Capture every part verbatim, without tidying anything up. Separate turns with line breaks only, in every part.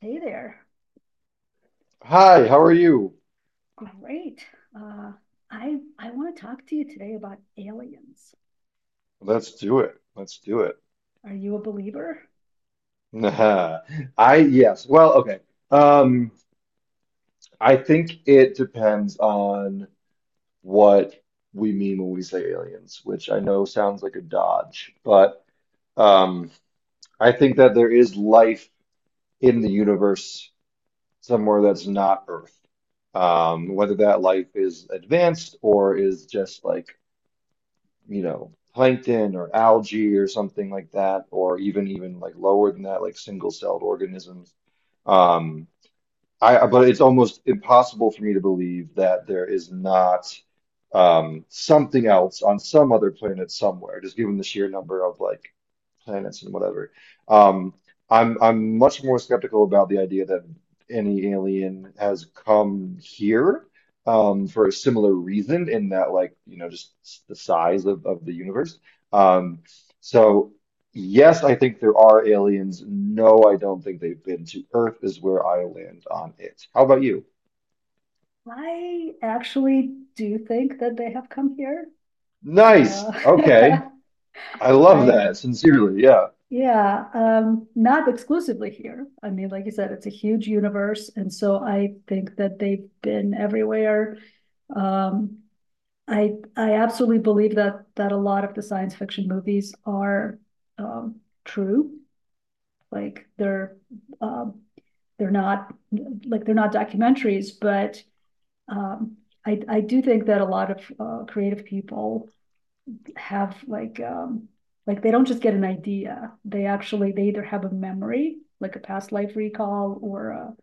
Hey there.
Hi, how are you?
Great. Uh, I I want to talk to you today about aliens.
Let's do it. Let's do it.
Are you a believer?
I, yes. Well, okay. Um, I think it depends on what we mean when we say aliens, which I know sounds like a dodge, but um, I think that there is life in the universe somewhere that's not Earth. Um, whether that life is advanced or is just like you know, plankton or algae, or something like that, or even even like lower than that, like single-celled organisms. Um, I But it's almost impossible for me to believe that there is not, um, something else on some other planet somewhere, just given the sheer number of like planets and whatever. Um, I'm I'm much more skeptical about the idea that any alien has come here, um, for a similar reason, in that like you know just s- the size of of the universe. Um, so yes, I think there are aliens. No, I don't think they've been to Earth, is where I land on it. How about you?
I actually do think that they have come here.
Nice.
Uh,
Okay. I love
I
that. Sincerely. Yeah.
yeah, um, not exclusively here. I mean, like you said, it's a huge universe, and so I think that they've been everywhere. Um, I I absolutely believe that that a lot of the science fiction movies are um, true. Like they're um, they're not like they're not documentaries, but um, I I do think that a lot of uh, creative people have like um, like they don't just get an idea. They actually they either have a memory, like a past life recall, or a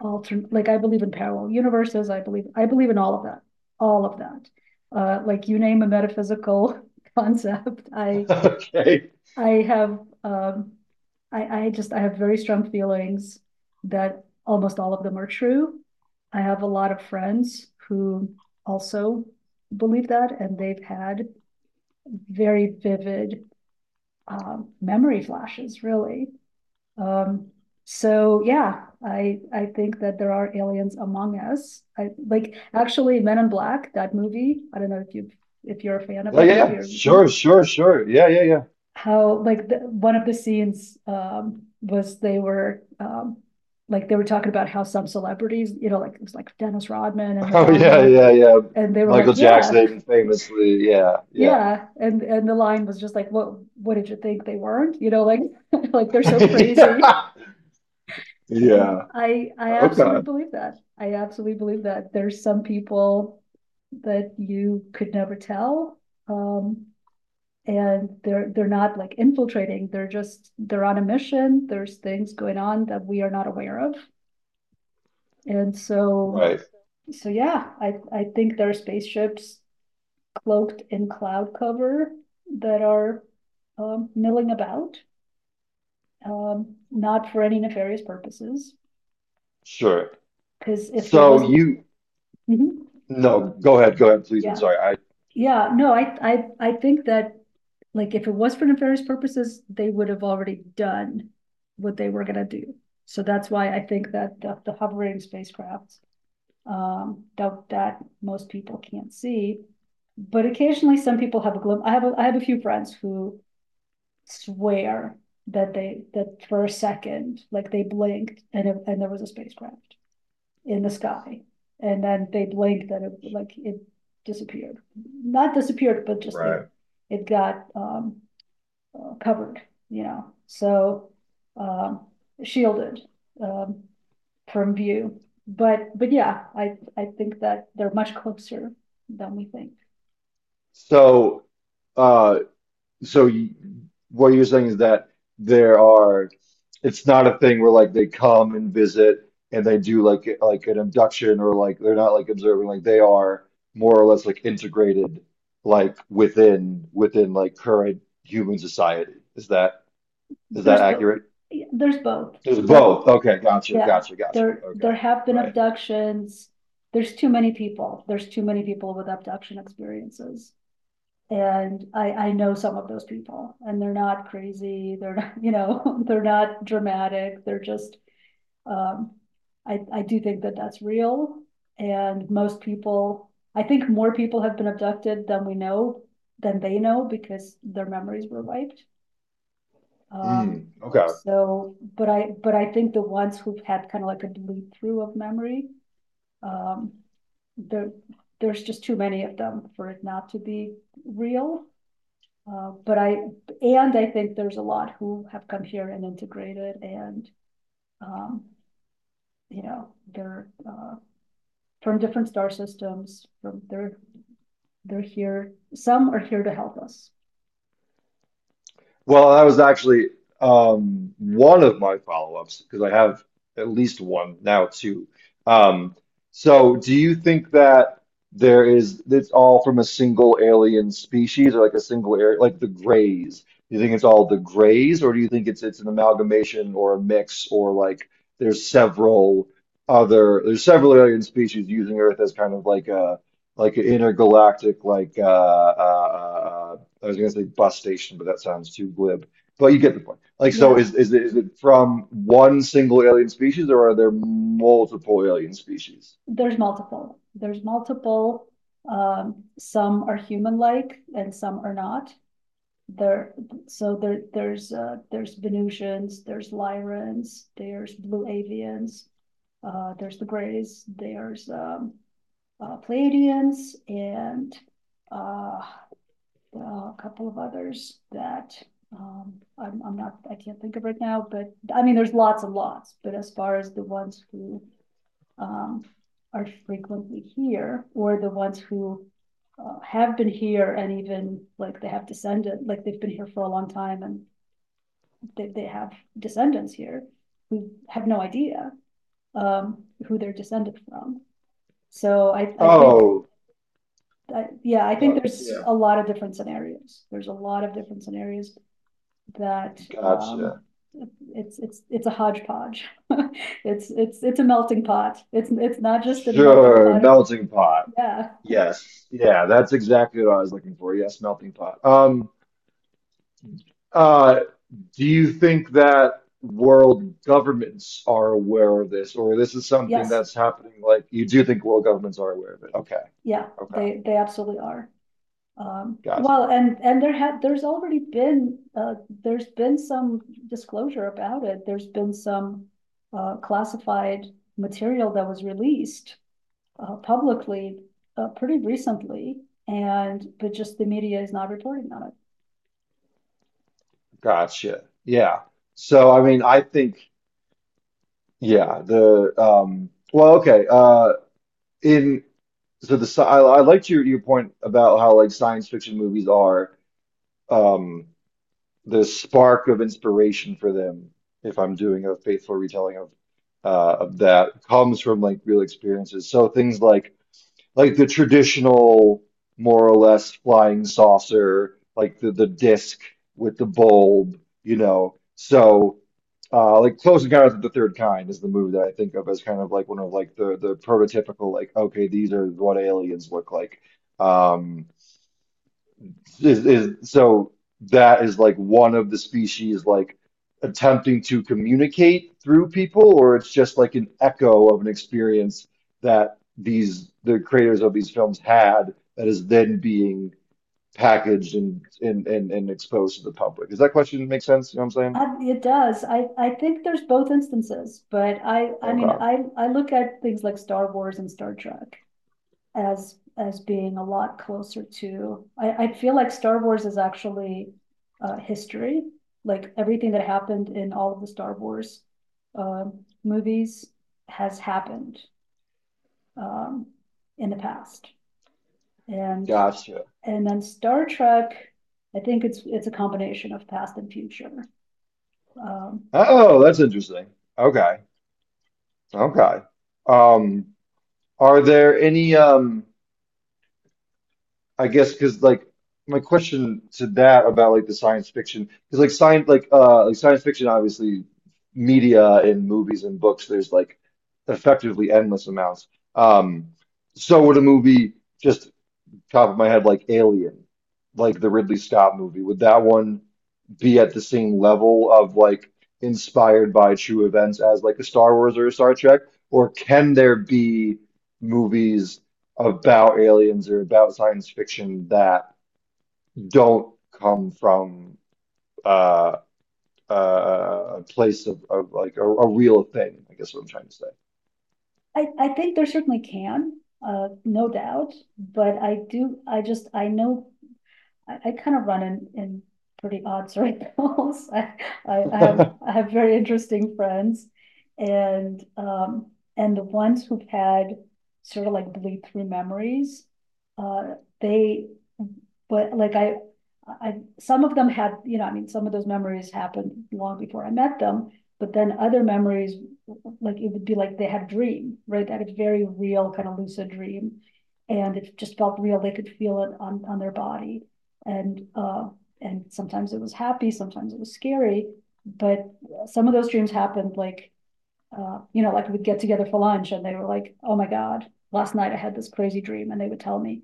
alternate. Like I believe in parallel universes. I believe I believe in all of that, all of that. Uh, like you name a metaphysical concept, I
Okay.
I have um, I I just I have very strong feelings that almost all of them are true. I have a lot of friends who also believe that, and they've had very vivid um, memory flashes, really. Um, so yeah, I I think that there are aliens among us. I like actually Men in Black, that movie. I don't know if you if you're a fan of
Yeah,
that
yeah,
movie
yeah.
or seen it.
Sure, sure, sure. Yeah, yeah, yeah.
How like the, one of the scenes um was they were um like they were talking about how some celebrities, you know, like it was like Dennis Rodman and
Oh yeah,
Madonna,
yeah, yeah.
and they were
Michael
like, yeah,
Jackson famously, yeah, yeah.
yeah, and and the line was just like, what what did you think they weren't? You know, like like they're so crazy,
Yeah.
and
Yeah.
I I absolutely
Okay.
believe that. I absolutely believe that there's some people that you could never tell um, and they're they're not like infiltrating, they're just they're on a mission. There's things going on that we are not aware of. And so
Right.
so yeah, I I think there are spaceships cloaked in cloud cover that are um, milling about, um, not for any nefarious purposes.
Sure.
Because if it
So
wasn't.
you
Mhm.
No, go ahead, go ahead, please. I'm
Yeah.
sorry. I just
Yeah, no, I, I, I think that, like, if it was for nefarious purposes, they would have already done what they were gonna do. So that's why I think that the, the hovering spacecraft, um, that, that most people can't see. But occasionally, some people have a glimpse. I have, a, I have a few friends who swear that they, that for a second, like they blinked and, it- and there was a spacecraft in the sky. And then they blinked and it like it disappeared. Not disappeared, but just it
Right.
it got um, uh, covered, you know, so um, shielded um, from view. But but yeah, I I think that they're much closer than we think.
So uh so you, what you're saying is that there are it's not a thing where like they come and visit and they do like like an abduction, or like they're not like observing, like they are more or less like integrated like within within like current human society. Is that is that
There's both.
accurate?
There's both.
It's
There
both. Okay, gotcha,
yeah.
gotcha, gotcha.
There
Okay,
there have been
right.
abductions. There's too many people. There's too many people with abduction experiences. And I, I know some of those people and they're not crazy. They're not you know, they're not dramatic. They're just, um, I, I do think that that's real. And most people, I think more people have been abducted than we know, than they know because their memories were wiped. Um,
Hmm. Okay.
so, but I, but I think the ones who've had kind of like a bleed through of memory, um, there, there's just too many of them for it not to be real. Uh, but I, and I think there's a lot who have come here and integrated and, um, you know, they're, uh, from different star systems, from, they're, they're here, some are here to help us.
Well, that was actually, um, one of my follow-ups, because I have at least one, now two. Um, so, do you think that there is it's all from a single alien species or like a single area, like the Greys? Do you think it's all the Greys, or do you think it's it's an amalgamation or a mix, or like there's several other there's several alien species using Earth as kind of like a like an intergalactic like uh, uh, uh, uh, I was going to say bus station, but that sounds too glib. But you get the point. Like, so
Yeah,
is is it, is it from one single alien species, or are there multiple alien species?
there's multiple, there's multiple, um, some are human-like and some are not. There, so there, there's, uh, there's Venusians, there's Lyrans, there's Blue Avians, uh, there's the Greys, there's, um, uh, Pleiadians and uh, a couple of others that um, I'm, I'm not, I can't think of right now, but I mean, there's lots and lots, but as far as the ones who um, are frequently here or the ones who uh, have been here and even like they have descendants, like they've been here for a long time and they, they have descendants here who have no idea um, who they're descended from. So I, I think
Oh,
I yeah, I think
no,
there's
yeah,
a lot of different scenarios. There's a lot of different scenarios that, um,
gotcha.
it's, it's, it's a hodgepodge. It's, it's, it's a melting pot. It's, it's not just a melting
Sure,
pot of,
melting pot.
yeah.
Yes, yeah, that's exactly what I was looking for. Yes, melting pot. Um, uh, do you think that world governments are aware of this, or this is something
Yes,
that's happening? Like, you do think world governments are aware of it? Okay,
yeah,
okay,
they, they absolutely are. Um,
gotcha.
well, and, and there had, there's already been, uh, there's been some disclosure about it. There's been some, uh, classified material that was released uh, publicly uh, pretty recently, and but just the media is not reporting on it.
Gotcha. Yeah. So I mean, I think yeah, the um well, okay. Uh in so The sci- I, I liked your your point about how like science fiction movies are, um the spark of inspiration for them, if I'm doing a faithful retelling of, uh of that, comes from like real experiences. So things like like the traditional, more or less, flying saucer, like the the disc with the bulb, you know. So, uh, like Close Encounters of the Third Kind is the movie that I think of as kind of like one of like the the prototypical, like okay, these are what aliens look like. Um, is, is so that is like one of the species like attempting to communicate through people, or it's just like an echo of an experience that these the creators of these films had that is then being packaged and and and, and exposed to the public. Does that question make sense? You know what I'm saying?
It does. I, I think there's both instances, but I I mean
Okay.
I I look at things like Star Wars and Star Trek as as being a lot closer to. I, I feel like Star Wars is actually uh, history, like everything that happened in all of the Star Wars uh, movies has happened um, in the past, and
Gotcha.
And then Star Trek, I think it's it's a combination of past and future. Um,
Oh, that's interesting. Okay. Okay. Um, are there any um I guess because like my question to that about like the science fiction, because like science like uh like science fiction, obviously media and movies and books, there's like effectively endless amounts. Um, so would a movie, just top of my head, like Alien, like the Ridley Scott movie. Would that one be at the same level of like inspired by true events as like a Star Wars or a Star Trek? Or can there be movies about aliens or about science fiction that don't come from uh, uh, a place of, of like a, a real thing? I guess what I'm trying to
I I think there certainly can, uh, no doubt. But I do I just I know I, I kind of run in, in pretty odd circles. I, I, I have
say.
I have very interesting friends, and um, and the ones who've had sort of like bleed through memories, uh, they, but like I, I some of them had you know I mean some of those memories happened long before I met them, but then other memories like it would be like they had a dream right that is very real kind of lucid dream and it just felt real they could feel it on, on their body and uh, and sometimes it was happy, sometimes it was scary, but some of those dreams happened like uh, you know, like we'd get together for lunch and they were like, "Oh my God, last night I had this crazy dream," and they would tell me,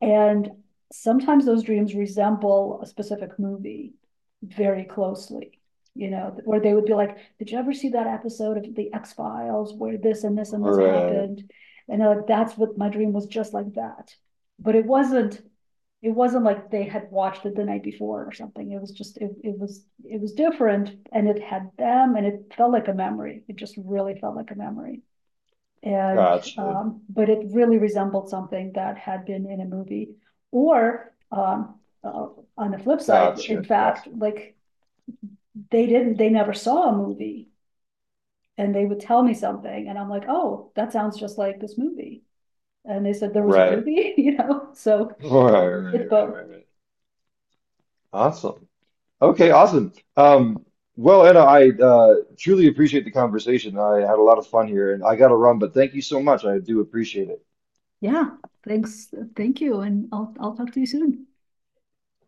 and sometimes those dreams resemble a specific movie very closely, you know, where they would be like, did you ever see that episode of The X Files where this and this and this
Or uh,
happened? And they're like, that's what my dream was just like that. But it wasn't. It wasn't like they had watched it the night before or something. It was just it, it was it was different and it had them and it felt like a memory. It just really felt like a memory. And,
Gotcha,
um, but it really resembled something that had been in a movie. Or, um, uh, on the flip side, in
gotcha,
fact,
gotcha.
like they didn't, they never saw a movie and they would tell me something and I'm like, oh, that sounds just like this movie. And they said there was a
Right.
movie, you know, so
All right, right,
it's
right,
both.
right, right. Awesome. Okay, awesome. Um, well, Anna, I uh, truly appreciate the conversation. I had a lot of fun here, and I got to run, but thank you so much. I do appreciate it.
Yeah, thanks. Thank you. And I'll, I'll talk to you soon.